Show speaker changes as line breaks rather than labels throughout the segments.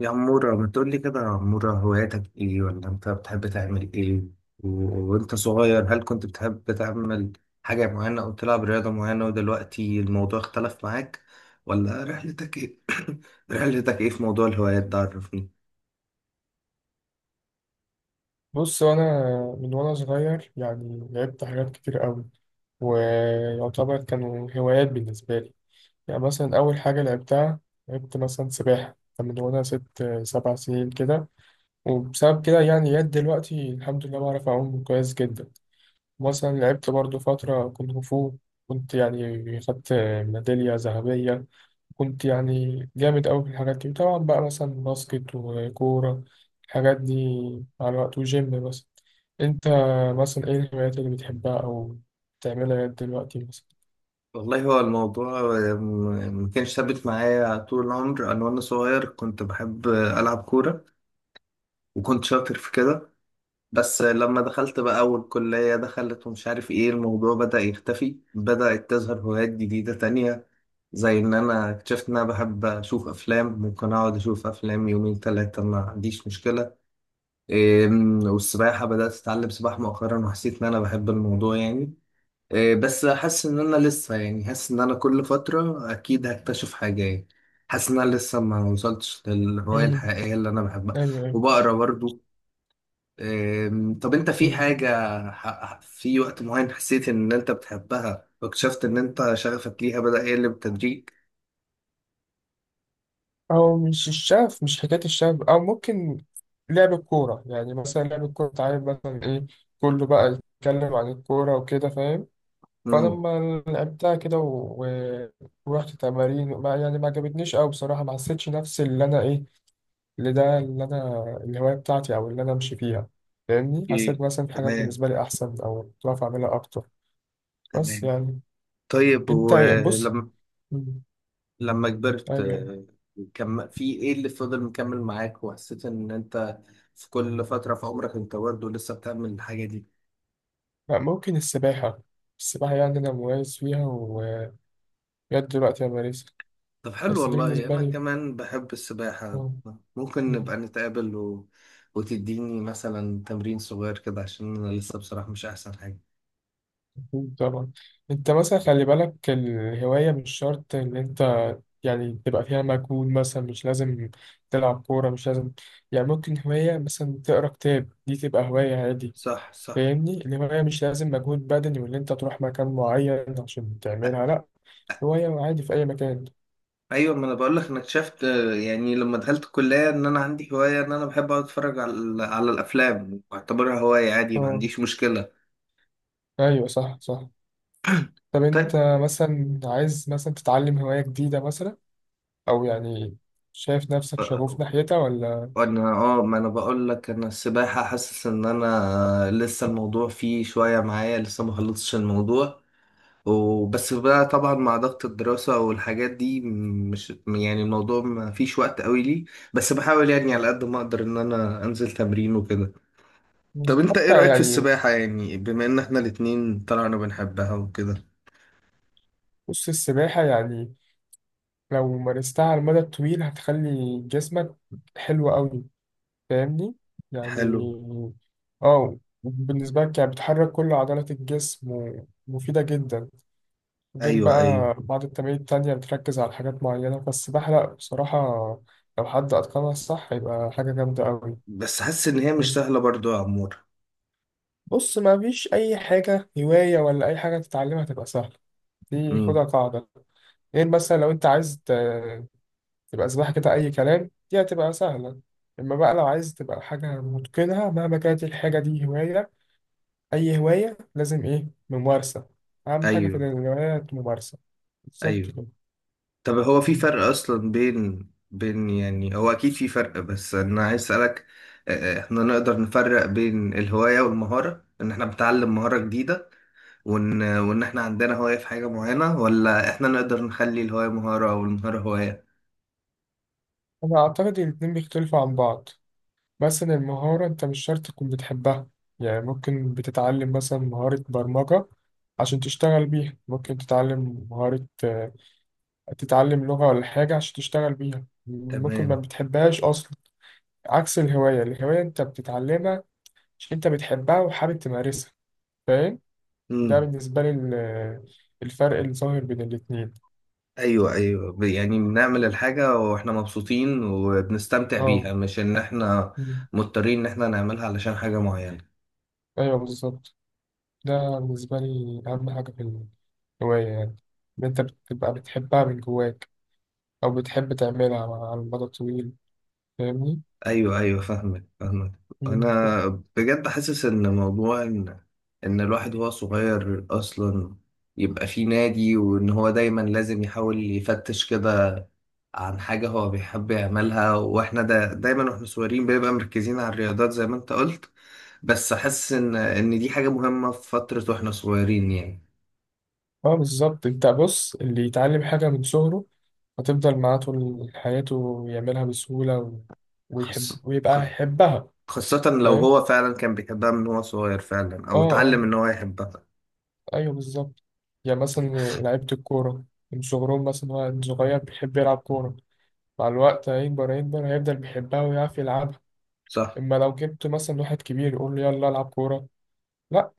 يا عمورة، ما تقول لي كده يا عمورة، هواياتك ايه؟ ولا انت بتحب تعمل ايه؟ و... وانت صغير، هل كنت بتحب تعمل حاجة معينة او تلعب رياضة معينة، ودلوقتي الموضوع اختلف معاك؟ ولا رحلتك ايه رحلتك ايه في موضوع الهوايات ده؟ عرفني.
بص انا من وانا صغير يعني لعبت حاجات كتير قوي، ويعتبر كانوا هوايات بالنسبه لي. يعني مثلا اول حاجه لعبتها، لعبت مثلا سباحه، كان من وانا 6 7 سنين كده. وبسبب كده يعني لغايه دلوقتي الحمد لله بعرف اعوم كويس جدا. مثلا لعبت برضو فتره كونغ فو، كنت يعني خدت ميداليه ذهبيه، كنت يعني جامد أوي في الحاجات دي. وطبعا بقى مثلا باسكت وكورة الحاجات دي مع الوقت، وجيم مثلا. أنت مثلا إيه الهوايات اللي بتحبها أو بتعملها لغاية دلوقتي مثلا؟
والله، هو الموضوع ما كانش ثابت معايا طول العمر. انا وانا صغير كنت بحب العب كورة، وكنت شاطر في كده. بس لما دخلت بقى أول كلية دخلت، ومش عارف إيه، الموضوع بدأ يختفي. بدأت تظهر هوايات جديدة تانية، زي إن أنا اكتشفت إن أنا بحب أشوف أفلام. ممكن أقعد أشوف أفلام يومين تلاتة، ما عنديش مشكلة. إيه، والسباحة بدأت أتعلم سباحة مؤخرا، وحسيت إن أنا بحب الموضوع يعني. إيه، بس حاسس إن أنا لسه يعني، حاسس إن أنا كل فترة أكيد هكتشف حاجة يعني. حاسس إن أنا لسه ما وصلتش للهواية
أمم،
الحقيقية اللي أنا بحبها.
أيوه أيوه.
وبقرا برضو. طب انت في
أمم.
حاجة في وقت معين حسيت ان انت بتحبها، واكتشفت ان انت شغفك ليها بدأ يقل بالتدريج؟
أو مش الشغف، مش حكاية الشغف، أو ممكن لعب الكورة. يعني مثلا لعب الكورة أنت عارف مثلا إيه، كله بقى يتكلم عن الكورة وكده فاهم. فأنا
امم.
لما لعبتها كده ورحت تمارين ما يعني ما عجبتنيش أوي بصراحة، ما حسيتش نفسي اللي أنا إيه اللي ده، اللي انا الهوايه بتاعتي او اللي انا امشي فيها. فاهمني؟ حسيت
اوكي،
مثلا في حاجات
تمام،
بالنسبه لي احسن او كنت بعرف اعملها اكتر. بس
تمام.
يعني
طيب،
انت يعني بص.
ولما
مم.
لما
ايوه،
كبرت،
أيوة.
كم في ايه اللي فضل مكمل معاك، وحسيت ان انت في كل فترة في عمرك انت برضه لسه بتعمل الحاجة دي؟
لا، ممكن السباحه. السباحه يعني انا مميز فيها ولغايه دلوقتي انا بمارسها.
طب حلو،
بس دي
والله
بالنسبه
أنا
لي.
كمان بحب السباحة.
آه.
ممكن
مم.
نبقى نتقابل وتديني مثلا تمرين صغير كده، عشان أنا لسه بصراحة مش أحسن حاجة.
طبعا. انت مثلا خلي بالك الهوايه مش شرط ان انت يعني تبقى فيها مجهود، مثلا مش لازم تلعب كوره، مش لازم. يعني ممكن هوايه مثلا تقرا كتاب، دي تبقى هوايه عادي.
صح، صح.
فاهمني؟ الهواية مش لازم مجهود بدني واللي انت تروح مكان معين عشان تعملها، لا، هواية عادي في أي مكان.
أيوة، ما أنا بقولك، أنا اكتشفت يعني لما دخلت الكلية إن أنا عندي هواية، إن أنا بحب أقعد أتفرج على الأفلام. بعتبرها هواية عادي، ما
اه.
عنديش مشكلة.
أيوة صح صح. طب أنت
طيب،
مثلا عايز مثلا تتعلم هواية جديدة مثلا، أو يعني شايف نفسك شغوف
آه،
ناحيتها ولا؟
وأنا ما أنا بقولك، أنا السباحة حاسس إن أنا لسه الموضوع فيه شوية معايا، لسه ما خلصتش الموضوع. وبس بقى طبعا مع ضغط الدراسة والحاجات دي، مش يعني، الموضوع ما فيش وقت قوي لي. بس بحاول يعني على قد ما اقدر ان انا انزل تمرين وكده.
مم.
طب انت ايه
حتى
رأيك في
يعني،
السباحة يعني، بما ان احنا الاتنين طلعنا بنحبها وكده؟
بص السباحة يعني لو مارستها على المدى الطويل هتخلي جسمك حلو أوي، فاهمني؟ يعني
حلو.
اه. بالنسبة لك يعني بتحرك كل عضلات الجسم ومفيدة جدا، غير
ايوه، ايوه،
بقى بعض التمارين التانية بتركز على حاجات معينة بس، بحرق بصراحة. لو حد أتقنها صح هيبقى حاجة جامدة أوي.
بس حاسس ان هي مش سهلة برضو يا عمور.
بص، ما فيش أي حاجة هواية ولا أي حاجة تتعلمها تبقى سهلة، دي
امم.
خدها قاعدة. غير مثلا لو أنت عايز تبقى سباحة كده أي كلام، دي هتبقى سهلة. إما بقى لو عايز تبقى حاجة متقنها مهما كانت الحاجة دي هواية، أي هواية لازم إيه؟ ممارسة. أهم حاجة في
ايوه،
الهوايات ممارسة. بالظبط
ايوه.
كده.
طب هو في فرق اصلا بين يعني، هو اكيد في فرق، بس انا عايز اسالك، احنا نقدر نفرق بين الهواية والمهارة، ان احنا بنتعلم مهارة جديدة، وان احنا عندنا هواية في حاجة معينة، ولا احنا نقدر نخلي الهواية مهارة او المهارة هواية؟
أنا أعتقد إن الاتنين بيختلفوا عن بعض. مثلا المهارة أنت مش شرط تكون بتحبها، يعني ممكن بتتعلم مثلا مهارة برمجة عشان تشتغل بيها. ممكن تتعلم مهارة، تتعلم لغة ولا حاجة عشان تشتغل بيها، ممكن ما
تمام.
بتحبهاش أصلا. عكس الهواية، الهواية أنت بتتعلمها عشان أنت بتحبها وحابب تمارسها، فاهم؟ ده
امم.
بالنسبة لي الفرق الظاهر بين الاتنين.
ايوه، ايوه. يعني بنعمل الحاجة واحنا مبسوطين، وبنستمتع
اه.
بيها، مش ان احنا
مم.
مضطرين ان احنا نعملها علشان حاجة معينة.
أيوه بالظبط. ده بالنسبة لي أهم حاجة في هواية، يعني إن أنت بتبقى بتحبها من جواك أو بتحب تعملها على المدى الطويل. فاهمني؟
ايوه، ايوه، فاهمك، فاهمك.
مم.
انا بجد حاسس ان موضوع ان الواحد وهو صغير اصلا يبقى في نادي، وان هو دايما لازم يحاول يفتش كده عن حاجة هو بيحب يعملها. واحنا دايما واحنا صغيرين بنبقى مركزين على الرياضات، زي ما انت قلت. بس حاسس ان دي حاجة مهمة في فترة واحنا صغيرين يعني.
اه بالظبط. أنت بص، اللي يتعلم حاجة من صغره هتفضل معاه طول حياته ويعملها بسهولة ويحب
خاصة
ويبقى يحبها.
خاصة لو
فاهم؟
هو فعلا كان بيحبها من هو صغير فعلا،
اه
او اتعلم
اه.
ان هو يحبها.
أيوه بالظبط. يعني مثلا لعيبة الكورة من صغرهم، مثلا هو من صغير بيحب يلعب كورة، مع الوقت هيكبر هيكبر، هيفضل بيحبها ويعرف يلعبها.
صح.
اما لو جبت مثلا واحد كبير يقول له يلا العب كوره، لا،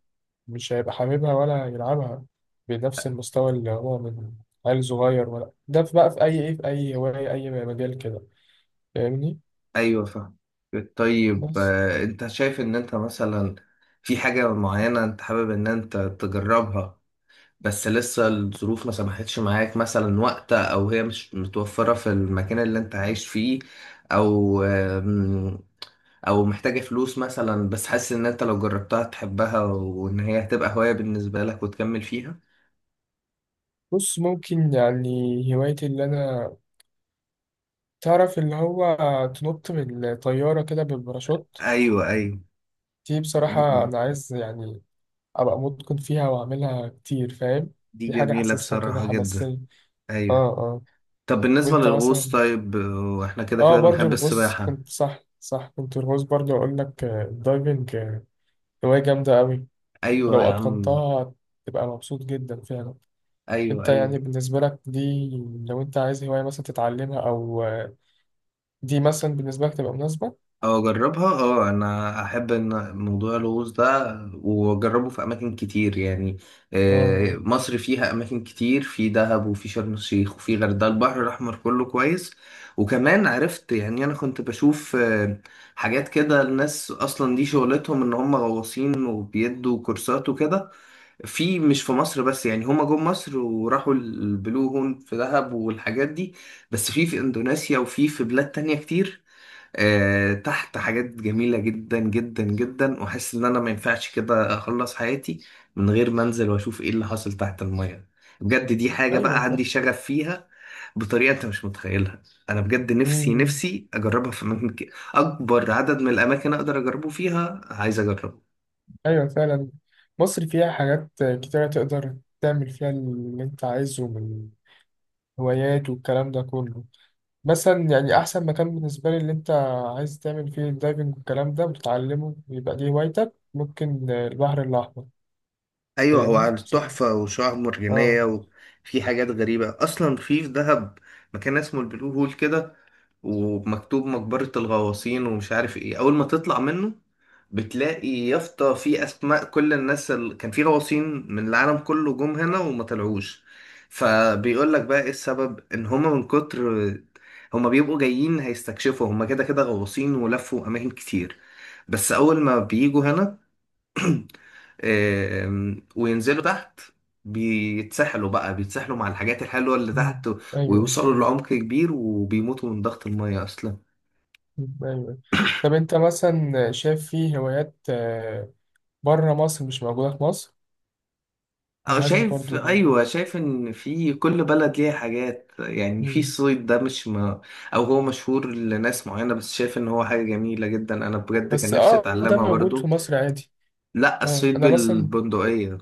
مش هيبقى حاببها ولا يلعبها بنفس المستوى اللي هو من عيل صغير. ولا ده في بقى في أي إيه، في أي هواية أي مجال كده، فاهمني؟
ايوه، فاهم. طيب،
بس
انت شايف ان انت مثلا في حاجة معينة انت حابب ان انت تجربها، بس لسه الظروف ما سمحتش معاك، مثلا وقت، او هي مش متوفرة في المكان اللي انت عايش فيه، او او محتاجة فلوس مثلا، بس حاسس ان انت لو جربتها تحبها، وان هي هتبقى هواية بالنسبة لك وتكمل فيها؟
بص، ممكن يعني هوايتي اللي أنا تعرف اللي هو تنط من الطيارة كده بالباراشوت،
ايوه، ايوه.
دي
م-
بصراحة
م.
أنا عايز يعني أبقى متقن فيها وأعملها كتير، فاهم؟
دي
دي حاجة
جميلة
حاسسها كده
بصراحة جدا.
حماسية. اه
ايوه.
اه.
طب بالنسبة
وأنت
للغوص،
مثلا؟
طيب، واحنا كده
اه
كده
برضو
بنحب
الغوص
السباحة.
كنت، صح صح، كنت الغوص برضو أقول لك، الدايفنج، هواية جامدة أوي. ولو
ايوه يا عم.
أتقنتها تبقى مبسوط جدا فعلا.
ايوه،
أنت يعني
ايوه،
بالنسبة لك دي، لو أنت عايز هواية مثلا تتعلمها، أو دي مثلا بالنسبة لك تبقى مناسبة؟
او اجربها. اه انا احب ان موضوع الغوص ده واجربه في اماكن كتير يعني.
آه.
مصر فيها اماكن كتير، في دهب وفي شرم الشيخ وفي غردقه، البحر الاحمر كله كويس. وكمان عرفت يعني، انا كنت بشوف حاجات كده، الناس اصلا دي شغلتهم ان هم غواصين وبيدوا كورسات وكده، مش في مصر بس يعني، هما جم مصر وراحوا البلو هول في دهب والحاجات دي. بس في اندونيسيا وفي بلاد تانية كتير. تحت حاجات جميلة جدا جدا جدا، واحس ان انا ما ينفعش كده اخلص حياتي من غير ما انزل واشوف ايه اللي حاصل تحت المية. بجد دي حاجة بقى
أيوه صح.
عندي شغف فيها بطريقة انت مش متخيلها. انا بجد نفسي
مم.
نفسي اجربها في اماكن كتير. اكبر عدد من الاماكن اقدر اجربه فيها عايز اجربه.
أيوه فعلا. مصر فيها حاجات كتيرة تقدر تعمل فيها اللي أنت عايزه من هوايات والكلام ده كله. مثلا يعني أحسن مكان بالنسبة لي اللي أنت عايز تعمل فيه الدايفنج والكلام ده وتتعلمه، يبقى دي هوايتك، ممكن البحر الأحمر.
ايوه، هو
فاهمني؟
عنده
مثلا.
تحفه وشعاب مرجانيه.
آه.
وفي حاجات غريبه اصلا، في دهب مكان اسمه البلو هول كده، ومكتوب مقبره الغواصين ومش عارف ايه. اول ما تطلع منه بتلاقي يافطه في اسماء كل الناس اللي كان في غواصين من العالم كله جم هنا وما طلعوش. فبيقول لك بقى ايه السبب، ان هما من كتر، هما بيبقوا جايين هيستكشفوا، هما كده كده غواصين ولفوا اماكن كتير، بس اول ما بيجوا هنا وينزلوا تحت، بيتسحلوا بقى، بيتسحلوا مع الحاجات الحلوة اللي
مم.
تحت.
ايوه ايوه.
ويوصلوا لعمق كبير، وبيموتوا من ضغط المية أصلا.
مم. ايوه. طب انت مثلا شايف في هوايات بره مصر مش موجوده في مصر؟ انا
أو
حاسس
شايف
برضو
أيوة، شايف إن في كل بلد ليها حاجات يعني، في
مم.
الصيد ده مش ما، أو هو مشهور لناس معينة، بس شايف إن هو حاجة جميلة جدا. أنا بجد كان
بس
نفسي
اه ده
أتعلمها
موجود في
برضو.
مصر عادي.
لأ،
اه
الصيد
انا مثلا.
بالبندقية.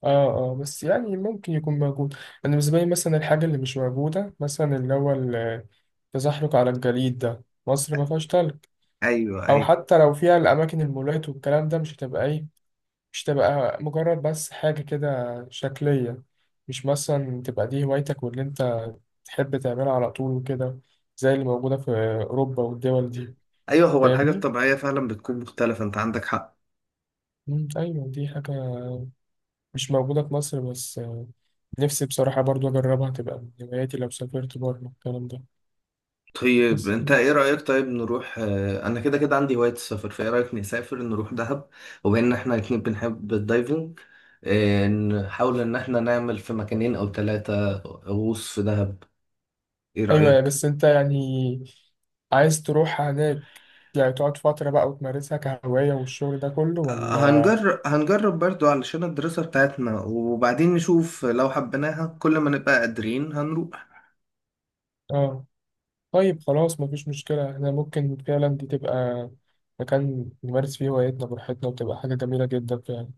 اه. اه بس يعني ممكن يكون موجود. انا بالنسبه لي مثلا الحاجه اللي مش موجوده، مثلا اللي هو التزحلق على الجليد، ده مصر ما فيهاش تلج.
أيوة،
او
أيوة.
حتى لو فيها الاماكن، المولات والكلام ده، مش هتبقى ايه، مش تبقى مجرد بس حاجة كده شكلية، مش مثلا تبقى دي هوايتك واللي انت تحب تعملها على طول وكده زي اللي موجودة في أوروبا والدول دي.
أيوة، هو الحاجة
فاهمني؟
الطبيعية فعلا بتكون مختلفة، أنت عندك حق.
مم، أيوة دي حاجة مش موجودة في مصر. بس نفسي بصراحة برضو أجربها، تبقى من هواياتي لو سافرت بره الكلام ده.
طيب
بس
انت ايه رأيك، طيب نروح، انا كده كده عندي هواية السفر، فايه رأيك نسافر نروح دهب؟ وبما ان احنا الاتنين بنحب الدايفنج، اه، نحاول ان احنا نعمل في مكانين او ثلاثة غوص في دهب. ايه
أيوة.
رأيك؟
بس أنت يعني عايز تروح هناك يعني تقعد فترة بقى وتمارسها كهواية والشغل ده كله ولا؟
هنجرب برضو علشان الدراسة بتاعتنا، وبعدين نشوف لو حبيناها كل ما نبقى قادرين هنروح.
آه. طيب خلاص مفيش مشكلة، احنا ممكن فعلا دي تبقى مكان نمارس فيه هوايتنا براحتنا وتبقى حاجة جميلة جدا فعلا.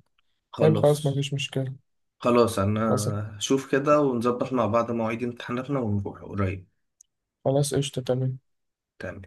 طيب خلاص
خلاص،
مفيش مشكلة.
خلاص. انا
خلاص
هشوف كده ونظبط مع بعض مواعيد امتحاناتنا، ونروح قريب.
خلاص قشطة تمام.
تمام.